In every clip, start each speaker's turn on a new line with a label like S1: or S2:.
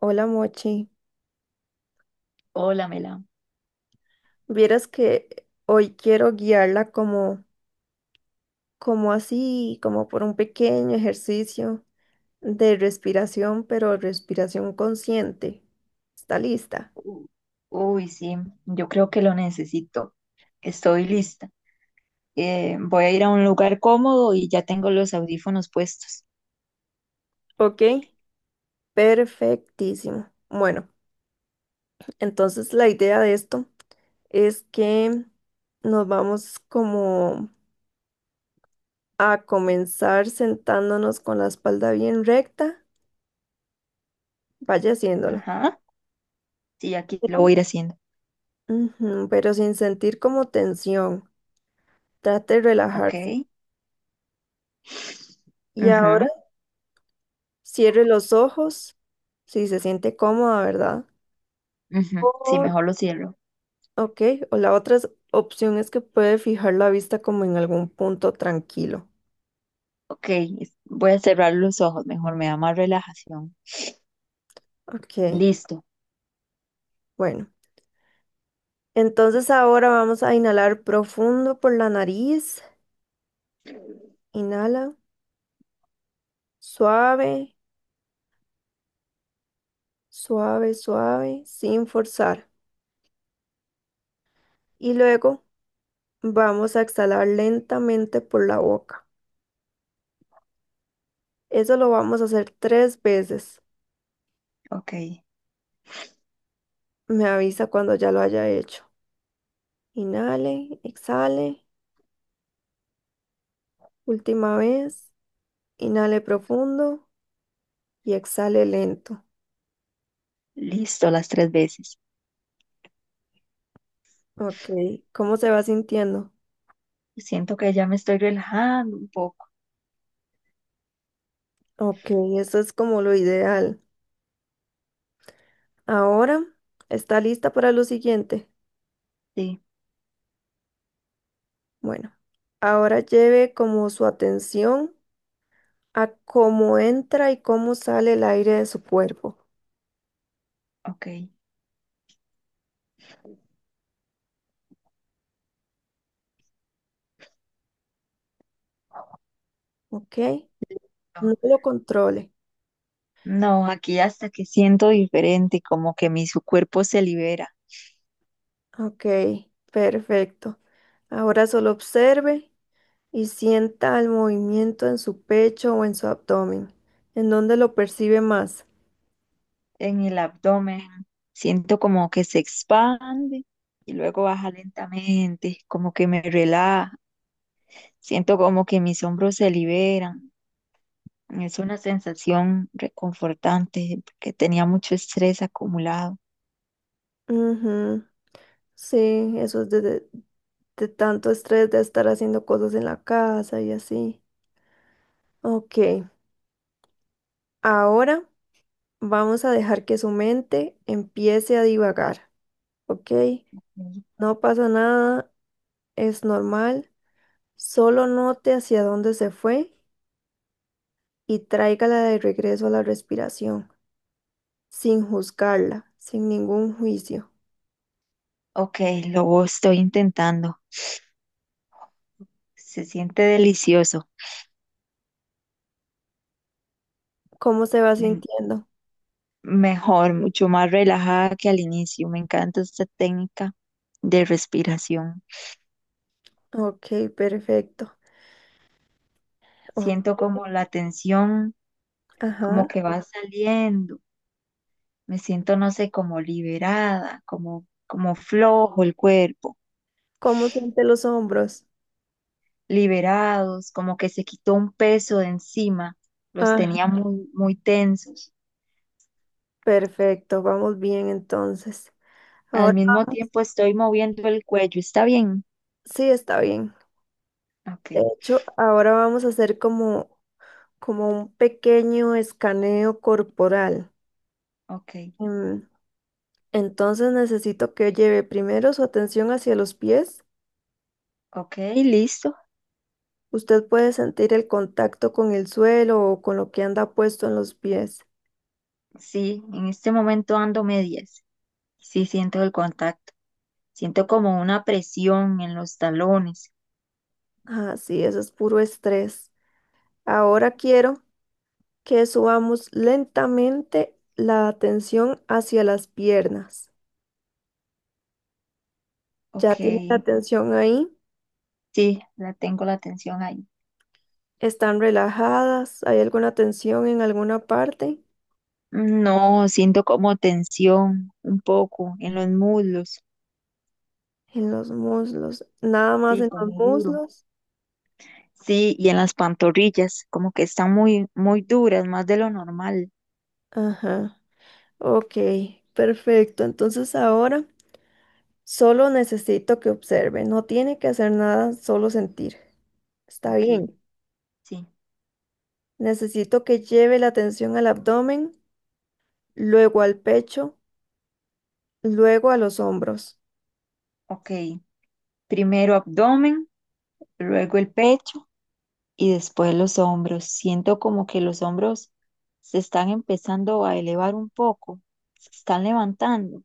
S1: Hola Mochi,
S2: Hola, Mela.
S1: vieras que hoy quiero guiarla como así, como por un pequeño ejercicio de respiración, pero respiración consciente. ¿Está lista?
S2: U- Uy, sí, yo creo que lo necesito. Estoy lista. Voy a ir a un lugar cómodo y ya tengo los audífonos puestos.
S1: Ok, perfectísimo. Bueno, entonces la idea de esto es que nos vamos como a comenzar sentándonos con la espalda bien recta, vaya haciéndolo,
S2: Ajá. Sí, aquí lo
S1: pero,
S2: voy a ir haciendo.
S1: ujú, pero sin sentir como tensión. Trate de relajarse.
S2: Ok.
S1: Y ahora
S2: Ujú,
S1: cierre los ojos, si se siente cómoda, ¿verdad?
S2: ujú. Sí,
S1: O,
S2: mejor lo cierro.
S1: ok, o la otra opción es que puede fijar la vista como en algún punto tranquilo.
S2: Ok, voy a cerrar los ojos, mejor me da más relajación.
S1: Ok,
S2: Listo.
S1: bueno. Entonces ahora vamos a inhalar profundo por la nariz. Inhala, suave, suave, sin forzar. Y luego vamos a exhalar lentamente por la boca. Eso lo vamos a hacer tres veces.
S2: Ok,
S1: Me avisa cuando ya lo haya hecho. Inhale, exhale. Última vez. Inhale profundo y exhale lento.
S2: listo las tres veces.
S1: Ok, ¿cómo se va sintiendo?
S2: Siento que ya me estoy relajando un poco.
S1: Ok, eso es como lo ideal. Ahora, ¿está lista para lo siguiente?
S2: Sí,
S1: Bueno, ahora lleve como su atención a cómo entra y cómo sale el aire de su cuerpo.
S2: ok.
S1: Ok, no lo controle.
S2: No, aquí hasta que siento diferente, como que mi su cuerpo se libera
S1: Ok, perfecto. Ahora solo observe y sienta el movimiento en su pecho o en su abdomen, en donde lo percibe más.
S2: en el abdomen. Siento como que se expande y luego baja lentamente, como que me relaja. Siento como que mis hombros se liberan. Es una sensación reconfortante porque tenía mucho estrés acumulado.
S1: Ujú, sí, eso es de tanto estrés de estar haciendo cosas en la casa y así. Ok, ahora vamos a dejar que su mente empiece a divagar, ¿ok?
S2: Mm.
S1: No pasa nada, es normal, solo note hacia dónde se fue y tráigala de regreso a la respiración, sin juzgarla, sin ningún juicio.
S2: Ok, lo estoy intentando. Se siente delicioso.
S1: ¿Cómo se va
S2: Me
S1: sintiendo?
S2: Mejor, mucho más relajada que al inicio. Me encanta esta técnica de respiración.
S1: Ok, perfecto. O-
S2: Siento como la tensión, como
S1: ajá.
S2: que va saliendo. Me siento, no sé, como liberada, como, como flojo el cuerpo,
S1: ¿Cómo siente los hombros?
S2: liberados, como que se quitó un peso de encima. Los tenía
S1: Ah,
S2: muy, muy tensos.
S1: perfecto, vamos bien entonces.
S2: Al
S1: Ahora
S2: mismo tiempo estoy moviendo el cuello. ¿Está bien?
S1: sí está bien.
S2: Ok,
S1: De hecho, ahora vamos a hacer como un pequeño escaneo corporal.
S2: ok,
S1: Em, Entonces necesito que lleve primero su atención hacia los pies.
S2: ok, listo.
S1: Usted puede sentir el contacto con el suelo o con lo que anda puesto en los pies.
S2: Sí, en este momento ando medias. Sí, siento el contacto. Siento como una presión en los talones.
S1: Ah, sí, eso es puro estrés. Ahora quiero que subamos lentamente la tensión hacia las piernas. Ya
S2: Ok,
S1: tienen la tensión ahí,
S2: sí, la tengo la tensión ahí.
S1: están relajadas, ¿hay alguna tensión en alguna parte?
S2: No, siento como tensión un poco en los muslos.
S1: En los muslos, nada más
S2: Sí,
S1: en los
S2: como duro.
S1: muslos.
S2: Sí, y en las pantorrillas, como que están muy, muy duras, más de lo normal.
S1: Ajá, ok, perfecto. Entonces ahora solo necesito que observe, no tiene que hacer nada, solo sentir. Está
S2: Ok,
S1: bien.
S2: sí,
S1: Necesito que lleve la atención al abdomen, luego al pecho, luego a los hombros.
S2: ok. Primero abdomen, luego el pecho. Y después los hombros. Siento como que los hombros se están empezando a elevar un poco, se están levantando.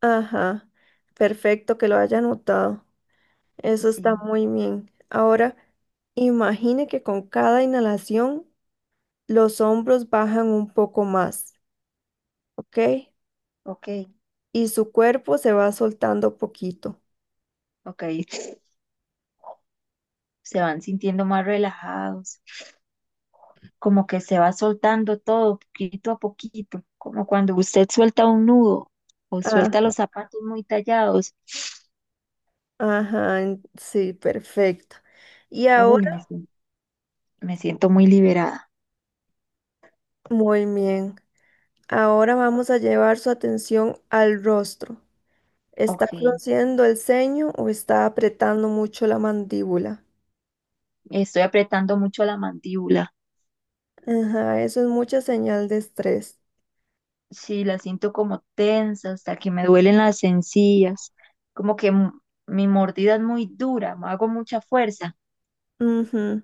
S1: Ajá, perfecto que lo haya anotado. Eso está
S2: Sí,
S1: muy bien. Ahora, imagine que con cada inhalación los hombros bajan un poco más, ¿ok?
S2: ok,
S1: Y su cuerpo se va soltando poquito.
S2: ok. Se van sintiendo más relajados, como que se va soltando todo poquito a poquito, como cuando usted suelta un nudo o
S1: Ah,
S2: suelta los zapatos muy tallados.
S1: ajá, en- sí, perfecto. Y
S2: Uy,
S1: ahora,
S2: me siento muy liberada.
S1: muy bien. Ahora vamos a llevar su atención al rostro. ¿Está
S2: Ok,
S1: frunciendo el ceño o está apretando mucho la mandíbula?
S2: estoy apretando mucho la mandíbula.
S1: Ajá, eso es mucha señal de estrés.
S2: Sí, las siento como tensas, hasta que me duelen las encías, como que mi mordida es muy dura, me hago mucha fuerza.
S1: Ujú,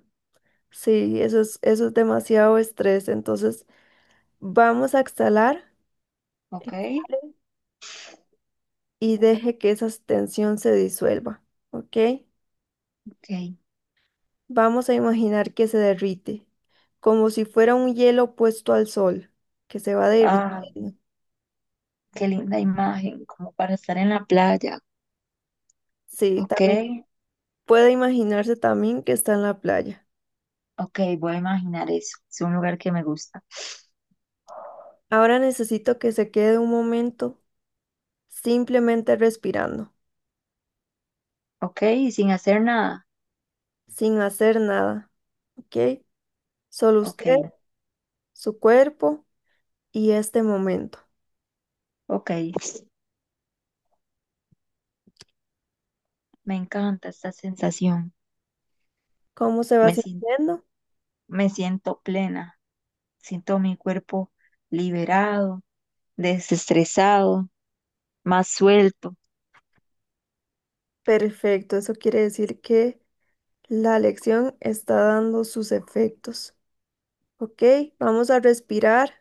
S1: sí, eso es demasiado estrés. Entonces, vamos a exhalar
S2: Ok,
S1: y deje que esa tensión se disuelva, ¿ok?
S2: ok.
S1: Vamos a imaginar que se derrite, como si fuera un hielo puesto al sol, que se va
S2: Ah,
S1: derritiendo.
S2: qué linda imagen, como para estar en la playa.
S1: Sí,
S2: Ok,
S1: también puede imaginarse también que está en la playa.
S2: ok, voy a imaginar eso. Es un lugar que me gusta.
S1: Ahora necesito que se quede un momento simplemente respirando,
S2: Ok, y sin hacer nada.
S1: sin hacer nada, ¿ok? Solo usted,
S2: Ok,
S1: su cuerpo y este momento.
S2: ok. Me encanta esta sensación.
S1: ¿Cómo se va
S2: Me, sien-
S1: sintiendo?
S2: me siento plena. Siento mi cuerpo liberado, desestresado. Más suelto.
S1: Perfecto, eso quiere decir que la lección está dando sus efectos. Ok, vamos a respirar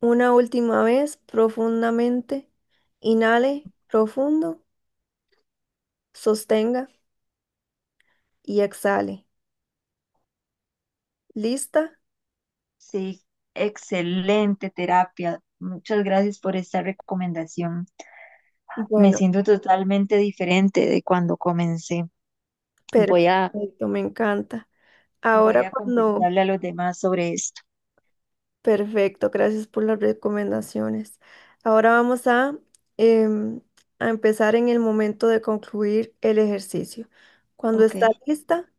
S1: una última vez profundamente. Inhale profundo, sostenga y exhale. ¿Lista?
S2: Sí, excelente terapia. Muchas gracias por esta recomendación. Me
S1: Bueno,
S2: siento totalmente diferente de cuando comencé. Voy a,
S1: perfecto, me encanta.
S2: voy
S1: Ahora
S2: a
S1: cuando
S2: conversarle a los demás sobre esto.
S1: perfecto, gracias por las recomendaciones. Ahora vamos a, em, a empezar en el momento de concluir el ejercicio. Cuando
S2: Ok,
S1: está lista,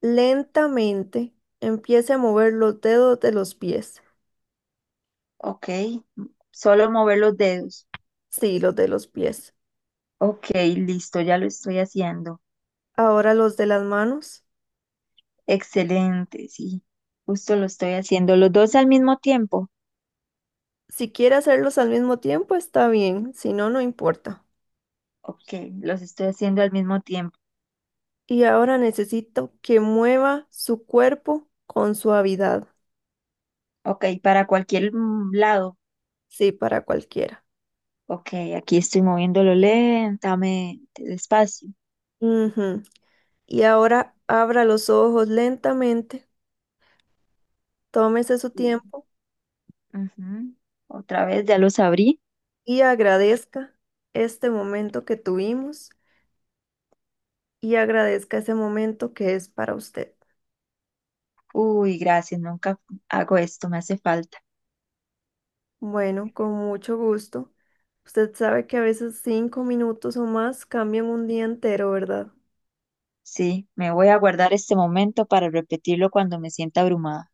S1: lentamente empiece a mover los dedos de los pies.
S2: ok. Solo mover los dedos.
S1: Sí, los de los pies.
S2: Ok, listo, ya lo estoy haciendo.
S1: Ahora los de las manos.
S2: Excelente, sí. Justo lo estoy haciendo. Los dos al mismo tiempo.
S1: Si quiere hacerlos al mismo tiempo, está bien, si no, no importa.
S2: Ok, los estoy haciendo al mismo tiempo.
S1: Y ahora necesito que mueva su cuerpo con suavidad.
S2: Ok, para cualquier lado.
S1: Sí, para cualquiera.
S2: Ok, aquí estoy moviéndolo lentamente, despacio.
S1: Ujú. Y ahora abra los ojos lentamente, tómese su tiempo
S2: Ujú. Otra vez, ya los abrí.
S1: y agradezca este momento que tuvimos y agradezca ese momento que es para usted.
S2: Uy, gracias, nunca hago esto, me hace falta.
S1: Bueno, con mucho gusto. Usted sabe que a veces 5 minutos o más cambian un día entero, ¿verdad?
S2: Sí, me voy a guardar este momento para repetirlo cuando me sienta abrumada.